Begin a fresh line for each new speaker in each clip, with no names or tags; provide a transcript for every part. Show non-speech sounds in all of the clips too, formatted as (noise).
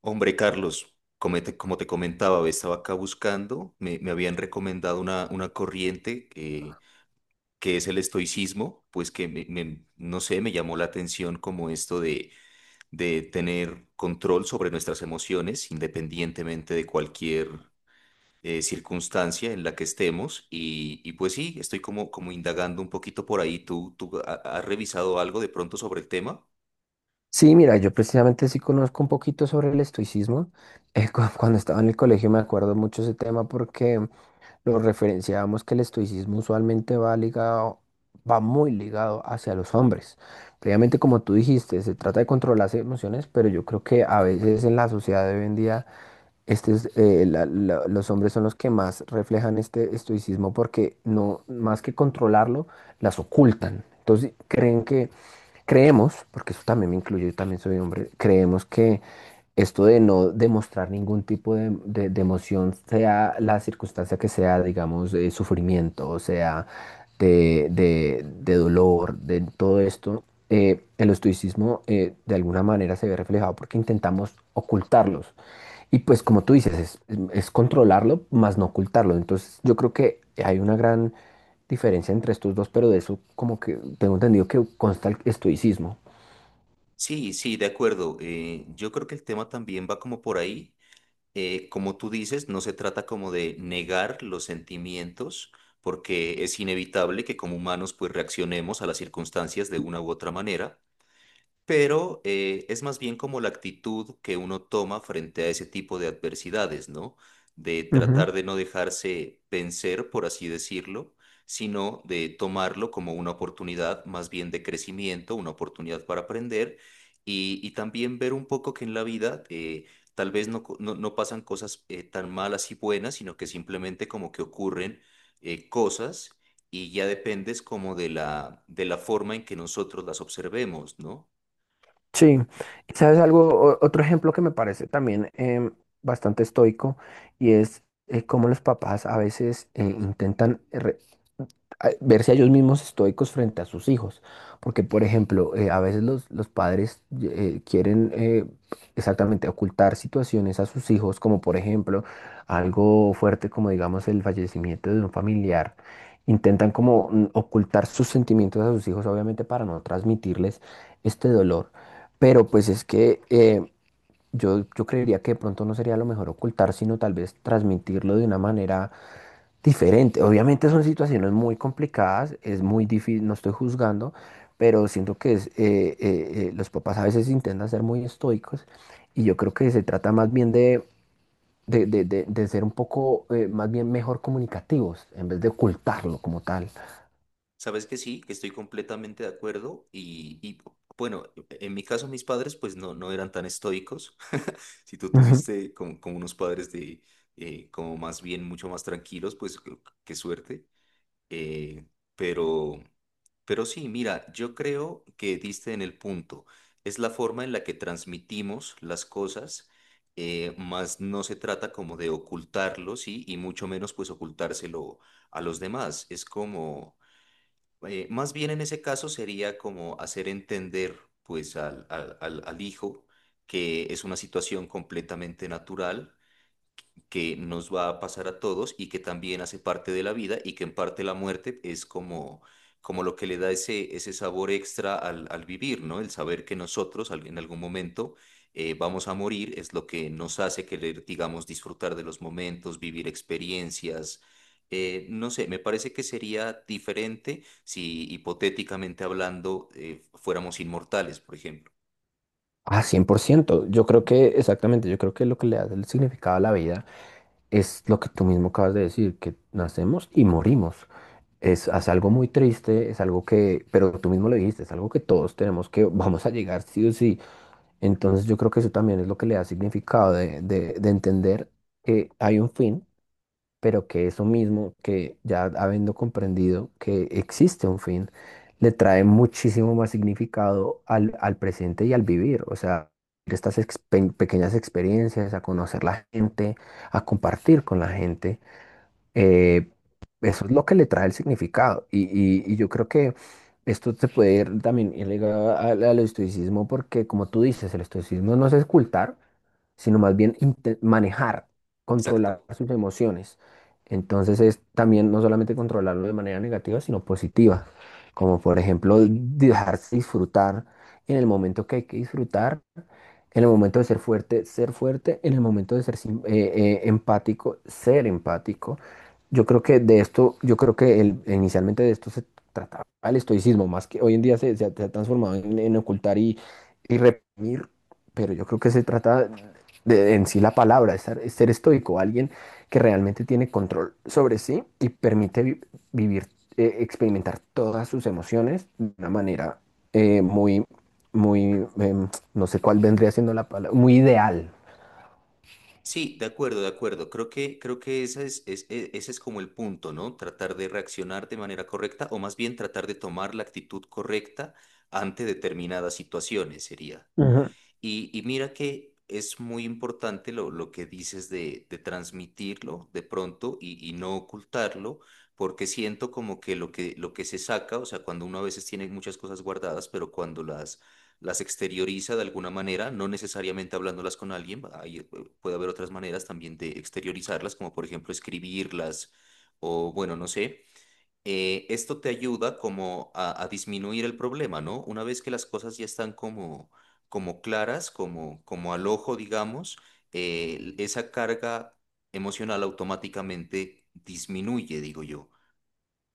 Hombre, Carlos, como te comentaba, estaba acá buscando, me habían recomendado una corriente que es el estoicismo, pues que no sé, me llamó la atención como esto de tener control sobre nuestras emociones independientemente de cualquier circunstancia en la que estemos. Y pues sí, estoy como indagando un poquito por ahí. Has revisado algo de pronto sobre el tema?
Sí, mira, yo precisamente sí conozco un poquito sobre el estoicismo. (laughs) Cuando estaba en el colegio me acuerdo mucho ese tema porque lo referenciábamos que el estoicismo usualmente va muy ligado hacia los hombres. Previamente, como tú dijiste, se trata de controlar las emociones, pero yo creo que a veces en la sociedad de hoy en día los hombres son los que más reflejan este estoicismo porque no, más que controlarlo, las ocultan. Entonces creemos, porque eso también me incluye, yo también soy hombre, creemos que esto de no demostrar ningún tipo de, de emoción, sea la circunstancia que sea, digamos, sufrimiento, o sea, de, de dolor, de todo esto, el estoicismo de alguna manera se ve reflejado porque intentamos ocultarlos. Y pues como tú dices, es controlarlo, más no ocultarlo. Entonces yo creo que hay una gran diferencia entre estos dos, pero de eso como que tengo entendido que consta el estoicismo.
Sí, sí, de acuerdo. Yo creo que el tema también va como por ahí. Como tú dices, no se trata como de negar los sentimientos, porque es inevitable que como humanos pues reaccionemos a las circunstancias de una u otra manera, pero es más bien como la actitud que uno toma frente a ese tipo de adversidades, ¿no? De tratar de no dejarse vencer, por así decirlo, sino de tomarlo como una oportunidad más bien de crecimiento, una oportunidad para aprender y también ver un poco que en la vida... tal vez no pasan cosas tan malas y buenas, sino que simplemente como que ocurren cosas, y ya dependes como de de la forma en que nosotros las observemos, ¿no?
Sí, y sabes algo, otro ejemplo que me parece también bastante estoico y es cómo los papás a veces intentan verse a ellos mismos estoicos frente a sus hijos, porque por ejemplo, a veces los padres quieren exactamente ocultar situaciones a sus hijos, como por ejemplo algo fuerte como digamos el fallecimiento de un familiar, intentan como ocultar sus sentimientos a sus hijos, obviamente para no transmitirles este dolor. Pero pues es que yo creería que de pronto no sería lo mejor ocultar, sino tal vez transmitirlo de una manera diferente. Obviamente son situaciones muy complicadas, es muy difícil, no estoy juzgando, pero siento que los papás a veces intentan ser muy estoicos y yo creo que se trata más bien de ser un poco más bien mejor comunicativos en vez de ocultarlo como tal.
Sabes que sí, que estoy completamente de acuerdo y, bueno, en mi caso mis padres pues no, no eran tan estoicos. (laughs) Si tú
Ujú.
tuviste como, como unos padres de como más bien mucho más tranquilos, pues qué suerte. Eh, pero, pero sí, mira, yo creo que diste en el punto. Es la forma en la que transmitimos las cosas, más no se trata como de ocultarlo, sí, y mucho menos pues ocultárselo a los demás. Es como más bien en ese caso sería como hacer entender pues al hijo que es una situación completamente natural que nos va a pasar a todos y que también hace parte de la vida, y que en parte la muerte es como, como lo que le da ese sabor extra al vivir, ¿no? El saber que nosotros en algún momento vamos a morir es lo que nos hace querer, digamos, disfrutar de los momentos, vivir experiencias. No sé, me parece que sería diferente si hipotéticamente hablando fuéramos inmortales, por ejemplo.
Ah, 100%. Yo creo que, exactamente, yo creo que lo que le da el significado a la vida es lo que tú mismo acabas de decir, que nacemos y morimos. Es algo muy triste, es algo que, pero tú mismo lo dijiste, es algo que todos tenemos que, (laughs) vamos a llegar sí o sí. Entonces yo creo que eso también es lo que le da significado de, de entender que hay un fin pero que eso mismo, que ya habiendo comprendido que existe un fin, le trae muchísimo más significado al presente y al vivir, o sea, estas pequeñas experiencias, a conocer la gente, a compartir con la gente, eh, eso es lo que le trae el significado. Y yo creo que esto se puede ir también ir ligado al estoicismo, porque como tú dices, el estoicismo no es ocultar, sino más bien manejar,
Exacto.
controlar sus emociones. Entonces es también no solamente controlarlo de manera negativa, sino positiva, como por ejemplo dejarse disfrutar en el momento que hay que disfrutar, en el momento de ser fuerte, en el momento de ser empático, ser empático. Yo creo que de esto, yo creo que el, inicialmente de esto se trataba el estoicismo, más que hoy en día se ha transformado en ocultar y reprimir, pero yo creo que se trata en sí la palabra, ser estoico, alguien que realmente tiene control sobre sí y permite vivir, experimentar todas sus emociones de una manera muy, muy, no sé cuál vendría siendo la palabra, muy ideal.
Sí, de acuerdo, de acuerdo. Creo que ese ese es como el punto, ¿no? Tratar de reaccionar de manera correcta, o más bien tratar de tomar la actitud correcta ante determinadas situaciones sería. Y mira que es muy importante lo que dices de transmitirlo de pronto y no ocultarlo, porque siento como que lo que se saca, o sea, cuando uno a veces tiene muchas cosas guardadas, pero cuando las exterioriza de alguna manera, no necesariamente hablándolas con alguien, ahí puede haber otras maneras también de exteriorizarlas, como por ejemplo escribirlas o bueno, no sé, esto te ayuda como a disminuir el problema, ¿no? Una vez que las cosas ya están como, como claras, como, como al ojo, digamos, esa carga emocional automáticamente disminuye, digo yo.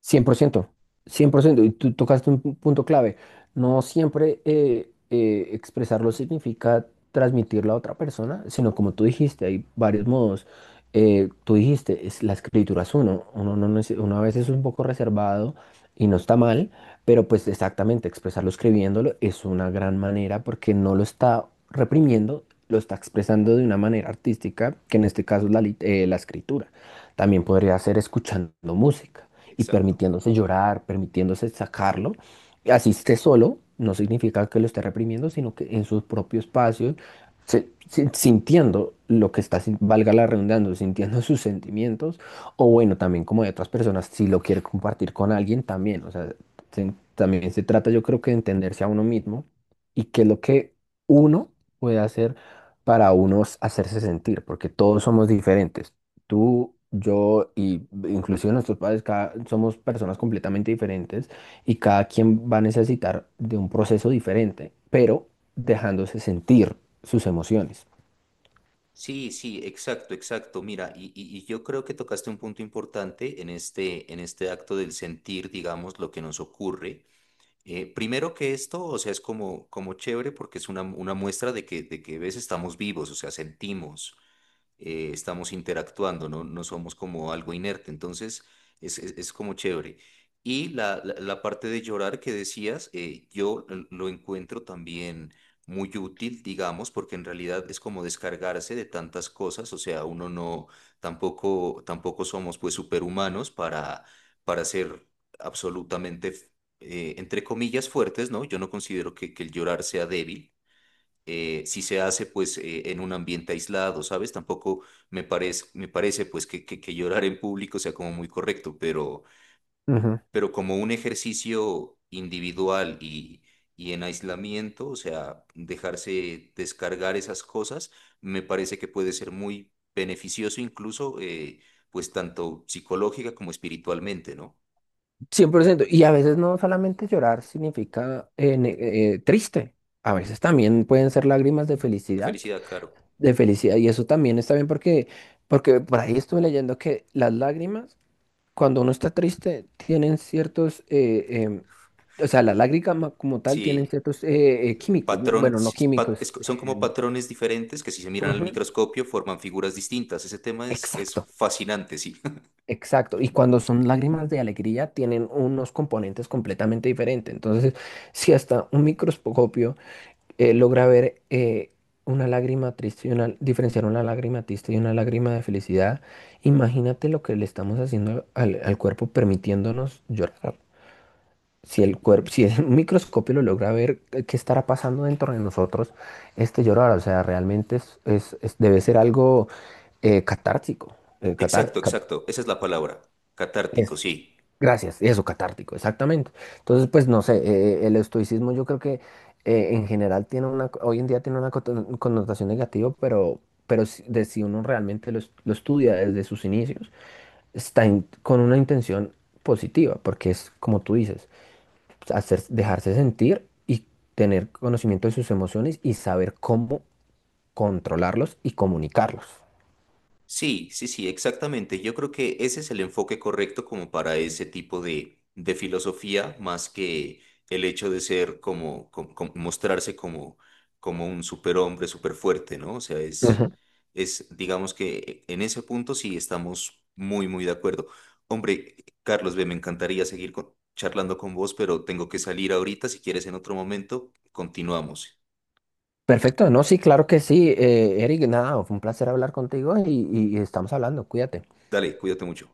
Cien por ciento, 100% y tú tocaste un punto clave. No siempre expresarlo significa transmitirlo a otra persona, sino como tú dijiste, hay varios modos. Tú dijiste, la escritura es uno, no, uno a veces es un poco reservado y no está mal, pero pues exactamente, expresarlo escribiéndolo es una gran manera porque no lo está reprimiendo, lo está expresando de una manera artística, que en este caso es la escritura. También podría ser escuchando música y
Exacto.
permitiéndose llorar, permitiéndose sacarlo. Y así esté solo, no significa que lo esté reprimiendo, sino que en su propio espacio, sintiendo lo que está, valga la redundancia, sintiendo sus sentimientos, o bueno, también como de otras personas, si lo quiere compartir con alguien, también, o sea, también se trata, yo creo que de entenderse a uno mismo y qué es lo que uno puede hacer para unos hacerse sentir, porque todos somos diferentes. Tú, yo y inclusive nuestros padres somos personas completamente diferentes y cada quien va a necesitar de un proceso diferente, pero dejándose sentir sus emociones.
Sí, sí, exacto, exacto. Mira, y, y yo creo que tocaste un punto importante en este acto del sentir, digamos, lo que nos ocurre. Primero que esto, o sea, es como, como chévere porque es una muestra de que ves, estamos vivos, o sea, sentimos estamos interactuando, ¿no? No somos como algo inerte, entonces es, es como chévere. Y la, la parte de llorar que decías, yo lo encuentro también muy útil, digamos, porque en realidad es como descargarse de tantas cosas, o sea, uno no, tampoco, tampoco somos pues superhumanos para ser absolutamente, entre comillas, fuertes, ¿no? Yo no considero que el llorar sea débil si se hace pues en un ambiente aislado, ¿sabes? Tampoco me parece pues que llorar en público sea como muy correcto,
Ujú.
pero como un ejercicio individual y en aislamiento, o sea, dejarse descargar esas cosas, me parece que puede ser muy beneficioso incluso pues tanto psicológica como espiritualmente, ¿no?
100%. Y a veces no solamente llorar significa triste, a veces también pueden ser lágrimas de
De
felicidad,
felicidad, claro.
de felicidad. Y eso también está bien porque, por ahí estuve leyendo que las lágrimas cuando uno está triste, tienen ciertos, o sea, la lágrima como tal tienen
Sí.
ciertos químicos, ¿no?
Patrón,
Bueno, no químicos.
son como
em,
patrones diferentes que si se miran al
Ujú.
microscopio forman figuras distintas. Ese tema es
Exacto,
fascinante, sí.
exacto. Y cuando son lágrimas de alegría, tienen unos componentes completamente diferentes. Entonces, si hasta un microscopio logra ver una lágrima triste y diferenciar una lágrima triste y una lágrima de felicidad, imagínate lo que le estamos haciendo al cuerpo permitiéndonos llorar. Si el (laughs) microscopio lo logra ver qué estará pasando dentro de nosotros, este llorar, o sea, realmente debe ser algo catártico.
(laughs) Exacto, exacto. Esa es la palabra. Catártico,
Es-
sí.
Gracias, eso, catártico, exactamente. Entonces, pues no sé, el estoicismo yo creo que en general tiene hoy en día tiene una connotación negativa, pero si uno realmente lo estudia desde sus inicios, está con una intención positiva, porque es como tú dices dejarse sentir y tener conocimiento de sus emociones y saber cómo controlarlos y comunicarlos.
Sí, sí, sí, exactamente. Yo creo que ese es el enfoque correcto como para ese tipo de filosofía, más que el hecho de ser como, mostrarse como, como un superhombre, superfuerte, ¿no? O sea,
Ujú.
es, digamos que en ese punto sí estamos muy, muy de acuerdo. Hombre, Carlos, ve, me encantaría seguir charlando con vos, pero tengo que salir ahorita. Si quieres, en otro momento, continuamos.
Perfecto, no, sí, claro que sí. Eric, nada, fue un placer hablar contigo y estamos hablando, cuídate.
Dale, cuídate mucho.